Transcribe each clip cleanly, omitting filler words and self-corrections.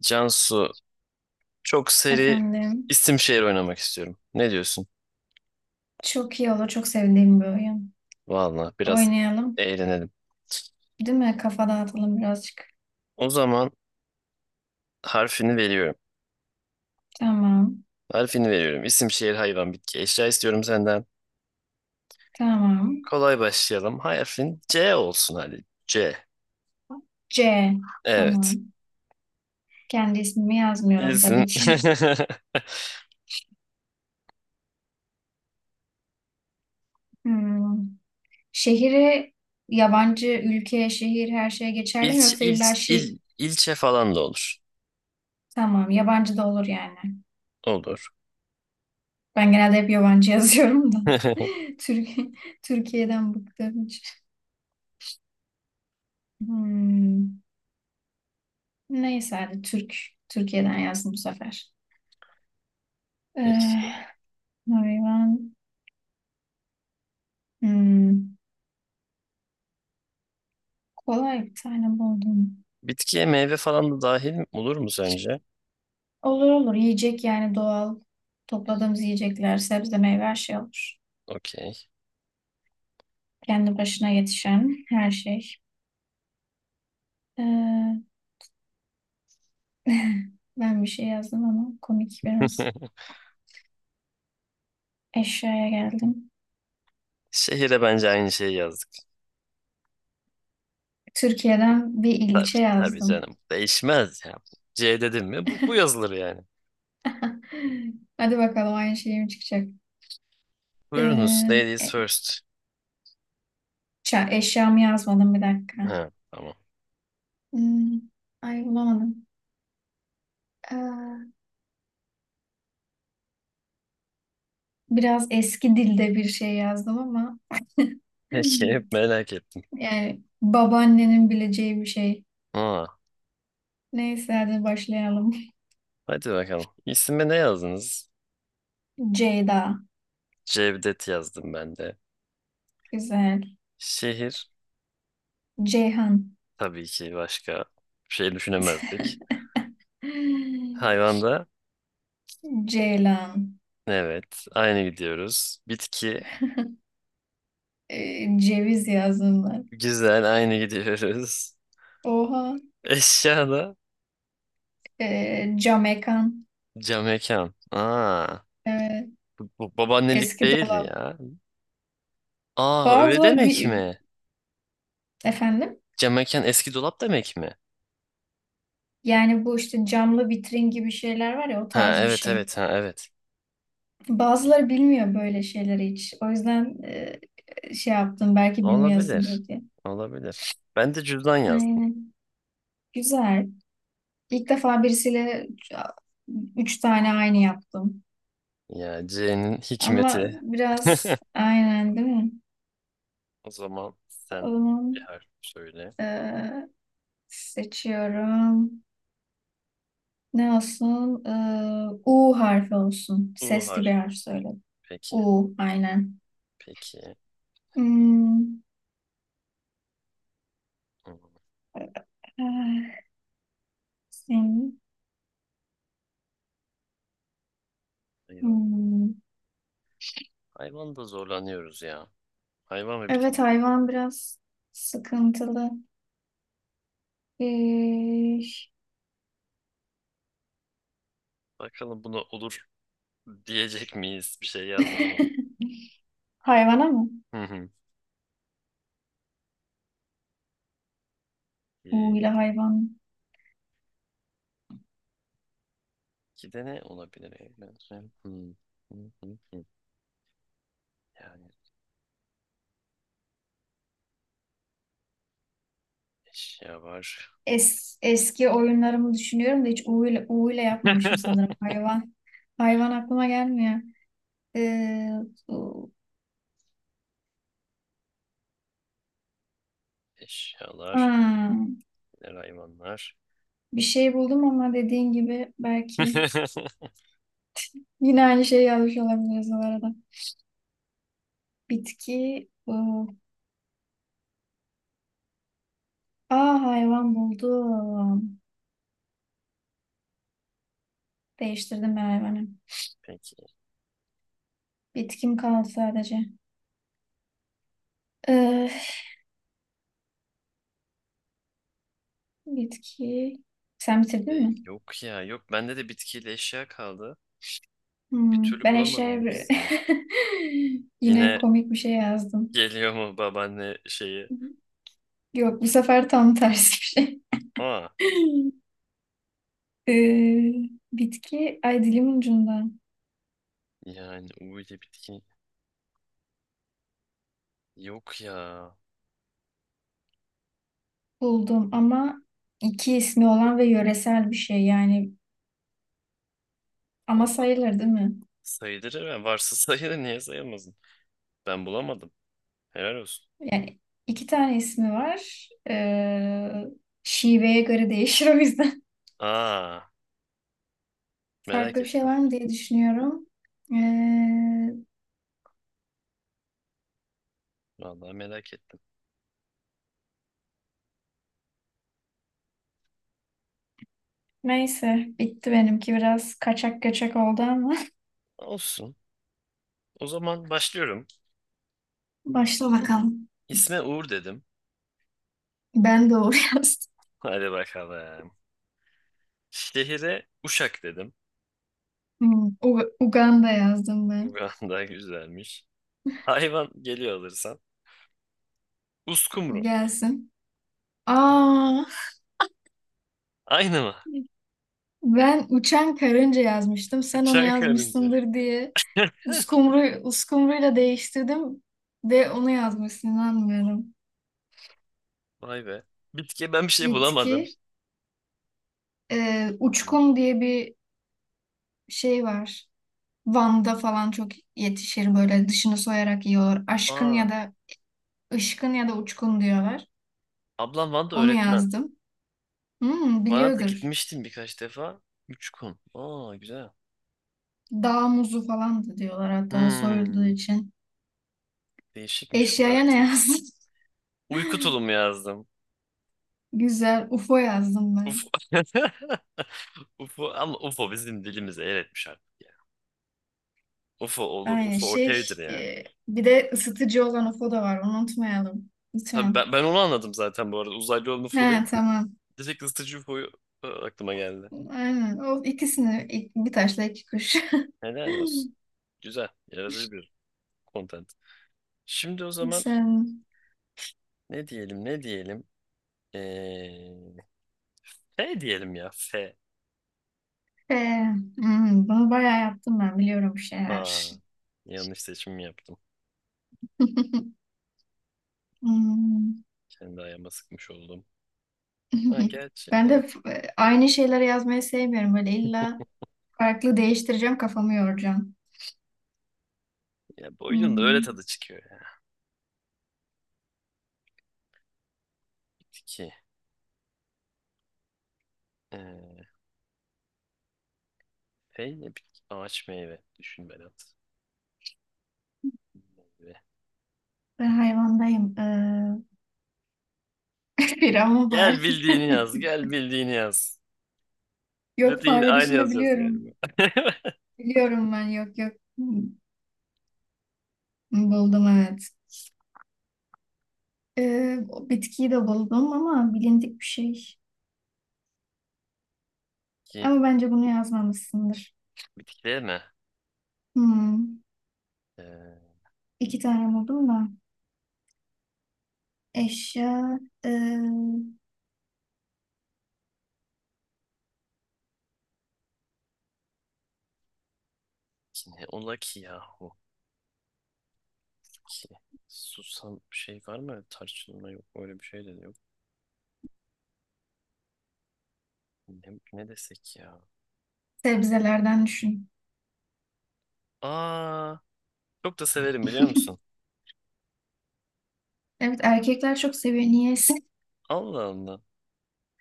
Cansu çok seri Efendim. isim şehir oynamak istiyorum. Ne diyorsun? Çok iyi olur. Çok sevdiğim bir oyun. Vallahi biraz Oynayalım. eğlenelim. Değil mi? Kafa dağıtalım birazcık. O zaman harfini veriyorum. Tamam. Harfini veriyorum. İsim şehir hayvan bitki eşya istiyorum senden. Tamam. Kolay başlayalım. Harfin C olsun hadi. C. C. Evet. Tamam. Kendi ismimi yazmıyorum İlsin. tabii ki. Hmm. Şehri yabancı ülke, şehir her şeye geçerli mi İlç, yoksa illa ilç, şey il, ilçe falan da olur. tamam, yabancı da olur yani. Olur. Ben genelde hep yabancı yazıyorum da. Türkiye Türkiye'den bıktım hiç. Hmm. Neyse hadi Türkiye'den yazdım bu sefer. Peki. Ee, Hayvan. Hmm, Kolay bir tane buldum. Bitkiye meyve falan da dahil olur mu sence? Olur olur. Yiyecek yani doğal. Topladığımız yiyecekler, sebze, meyve her şey olur. Okey. Kendi başına yetişen her şey. Ee, ben bir şey yazdım ama komik biraz. Eşyaya geldim. Şehire bence aynı şeyi yazdık. Türkiye'den bir Tabii ilçe tabii yazdım. canım. Değişmez ya. C dedim mi bu yazılır yani. Hadi bakalım aynı şey mi çıkacak? Buyurunuz Ee, ladies e- first. Eşyamı yazmadım bir dakika. Ha, tamam. Hmm, ay bulamadım. Ee, biraz eski dilde bir şey yazdım ama Peki, hep merak ettim. yani babaannenin bileceği bir şey. Aa, Neyse hadi başlayalım. hadi bakalım. İsme ne yazdınız? Ceyda. Cevdet yazdım ben de. Güzel. Şehir, Ceyhan. tabii ki başka bir şey düşünemezdik. Hayvanda Ceylan. evet, aynı gidiyoruz. Bitki, Ceviz yazdım ben. güzel, aynı gidiyoruz. Oha. Eşyada Camekan. cam mekan. Aa, Evet. bu babaannelik Eski değil dolap. ya. Aa, öyle Bazıları demek bir... mi? Efendim? Cam mekan eski dolap demek mi? Yani bu işte camlı vitrin gibi şeyler var ya, o Ha tarz bir evet, şey. evet, ha evet. Bazıları bilmiyor böyle şeyleri hiç. O yüzden şey yaptım belki bilmiyorsun Olabilir. diye. Olabilir. Ben de cüzdan yazdım. Aynen. Güzel. İlk defa birisiyle üç tane aynı yaptım. Ya, C'nin hikmeti. Ama biraz aynen değil mi? O zaman O sen bir zaman harf söyle. eee, seçiyorum. Ne olsun? U harfi olsun. U Sesli bir harfi. harf söyle. Peki. U aynen. Peki. Hmm, Hmm, eh, senin- Hayvan. hmm. Hayvan da zorlanıyoruz ya. Hayvan ve bitki Evet zor biraz. hayvan biraz sıkıntılı. Eh, Bakalım buna olur diyecek miyiz? Bir şey yazdım ama. hayvana mı? Hı hı. U Ee, ile hayvan. İki de ne olabilir? Hı hı hı hı. Yani eşya var. Eski oyunlarımı düşünüyorum da hiç U ile yapmamışım sanırım. Hayvan. Hayvan aklıma gelmiyor. Ee, u- Eşyalar, ha, neler hayvanlar. bir şey buldum ama dediğin gibi belki yine aynı şeyi yazmış olabiliriz o arada. Bitki. Aa, hayvan buldum. Değiştirdim ben hayvanı. Peki. Bitkim kaldı sadece. Ee, bitki. Sen bitirdin E, mi? yok ya, yok. Bende de bitkiyle eşya kaldı. Bir türlü Ben bulamadım eşeğe ikisini. yine Yine komik bir şey yazdım. geliyor mu babaanne şeyi? Yok bu sefer tam tersi bir şey. Aa, Ee, bitki, ay dilimin ucunda yani U ile bitki. Yok ya. buldum ama iki ismi olan ve yöresel bir şey yani, ama Vallahi sayılır değil mi? sayılır ya. Varsa sayılır. Niye sayılmasın? Ben bulamadım. Helal olsun. Yani iki tane ismi var. Şiveye göre değişir o yüzden. Aa, merak Farklı bir şey ettim. var mı diye düşünüyorum. Ee, Vallahi merak ettim. neyse bitti benimki, biraz kaçak kaçak oldu ama. Olsun. O zaman başlıyorum. Başla bakalım. İsme Uğur dedim. Ben doğru yazdım. Hadi bakalım. Şehire Uşak dedim. Uganda yazdım ben. Uganda güzelmiş. Hayvan geliyor alırsan. Uskumru. Gelsin. Aa, Aynı mı? ben uçan karınca yazmıştım. Sen onu Bıçak karınca. yazmışsındır diye uskumruyla değiştirdim ve onu yazmışsın, inanmıyorum. Vay be. Bitki, ben bir şey bulamadım. Bitki. Uçkun diye bir şey var. Van'da falan çok yetişir, böyle dışını soyarak yiyorlar. Aşkın Aa, ya da ışkın ya da uçkun diyorlar. ablam Van'da Onu öğretmen. yazdım. Hmm, Van'a da biliyordur. gitmiştim birkaç defa. Üç gün. Aa, güzel. Dağ muzu falan da diyorlar hatta soyulduğu Hmm, için. değişikmiş bu Eşyaya ne araştırma. yazdın? Uyku tulumu yazdım. Güzel. UFO yazdım Ufo. ben. Ufo, ama Ufo bizim dilimize el etmiş artık ya. Ufo olur. Aynı Ufo şey. okeydir ya. e, bir de ısıtıcı olan UFO da var. Onu unutmayalım. Tabii Lütfen. ben onu anladım zaten bu arada. Uzaylı olan He Ufo değil. tamam. Direkt ısıtıcı UFO'yu aklıma geldi. Aynen. O ikisini bir taşla iki kuş. Neden olsun. Güzel. Yaratıcı bir content. Şimdi o zaman Sen ne diyelim, ne diyelim. Ee, F diyelim ya. F. e, bunu bayağı yaptım ben. Biliyorum bir şeyler. Aa, yanlış seçim yaptım. Hmm. Kendi ayağıma sıkmış oldum. Ha, gerçi Ben de evet. Aynı şeyleri yazmayı sevmiyorum. Böyle illa farklı değiştireceğim, kafamı yoracağım. Ya, bu oyunun da öyle Hmm. tadı çıkıyor ya. Bitki. Ee, F ne bitki. Ağaç, meyve. Düşün Berat. Meyve. Ben hayvandayım. Bir ama var. Gel bildiğini yaz. Gel bildiğini yaz. Yok, Zaten yine fare aynı dışında yazacağız galiba. biliyorum. Biliyorum ben, yok yok. Buldum evet. O bitkiyi de buldum ama bilindik bir şey. Bitki, Ama bence bunu yazmamışsındır. bitkiler mi? Hmm. Ee, İki tane buldum da. Eşya, ee, Ki ne ola ki yahu, ki susam şey var mı, tarçınma yok, öyle bir şey de yok. Ne desek ya. sebzelerden düşün. Aa, çok da severim, biliyor musun? Evet, erkekler çok seviyor. Niyeyse Allah Allah,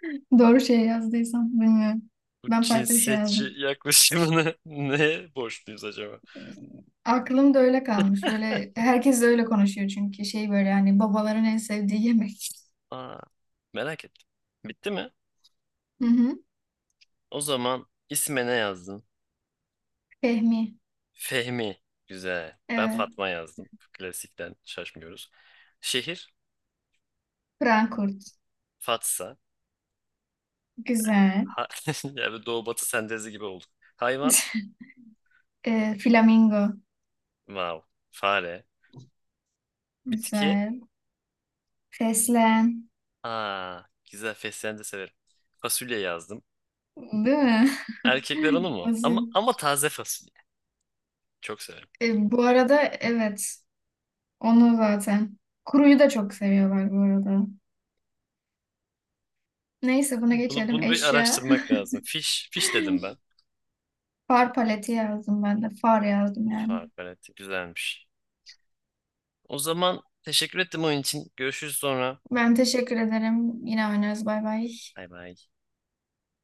doğru şey yazdıysam bilmiyorum. bu Ben farklı bir şey cinsiyetçi yazdım. yaklaşımını neye borçluyuz acaba? Aklımda öyle kalmış. Böyle herkes de öyle konuşuyor çünkü şey, böyle yani babaların en sevdiği yemek. Aa, merak ettim. Bitti mi? Hı hı. O zaman isme ne yazdın? Fehmi. Fehmi. güzel. Ben Evet. Fatma yazdım, klasikten şaşmıyoruz. Şehir Frankfurt. Fatsa. Güzel. Ha, yani doğu batı sentezi gibi olduk. Hayvan. Flamingo. Wow. Fare. Bitki. Güzel. Fesleğen. Aa, güzel, fesleğen de severim. Fasulye yazdım. Değil mi? Erkekler onu mu? Ama Basit. ama taze fasulye. Çok severim. Bu arada evet. Onu zaten. Kuruyu da çok seviyorlar bu arada. Neyse bunu Bunu geçelim. bunu bir Eşya. araştırmak lazım. Fiş dedim ben. Far paleti yazdım ben de. Far yazdım yani. Fark, güzelmiş. O zaman teşekkür ettim oyun için. Görüşürüz sonra. Ben teşekkür ederim. Yine oynarız. Bay bay. Bay bay.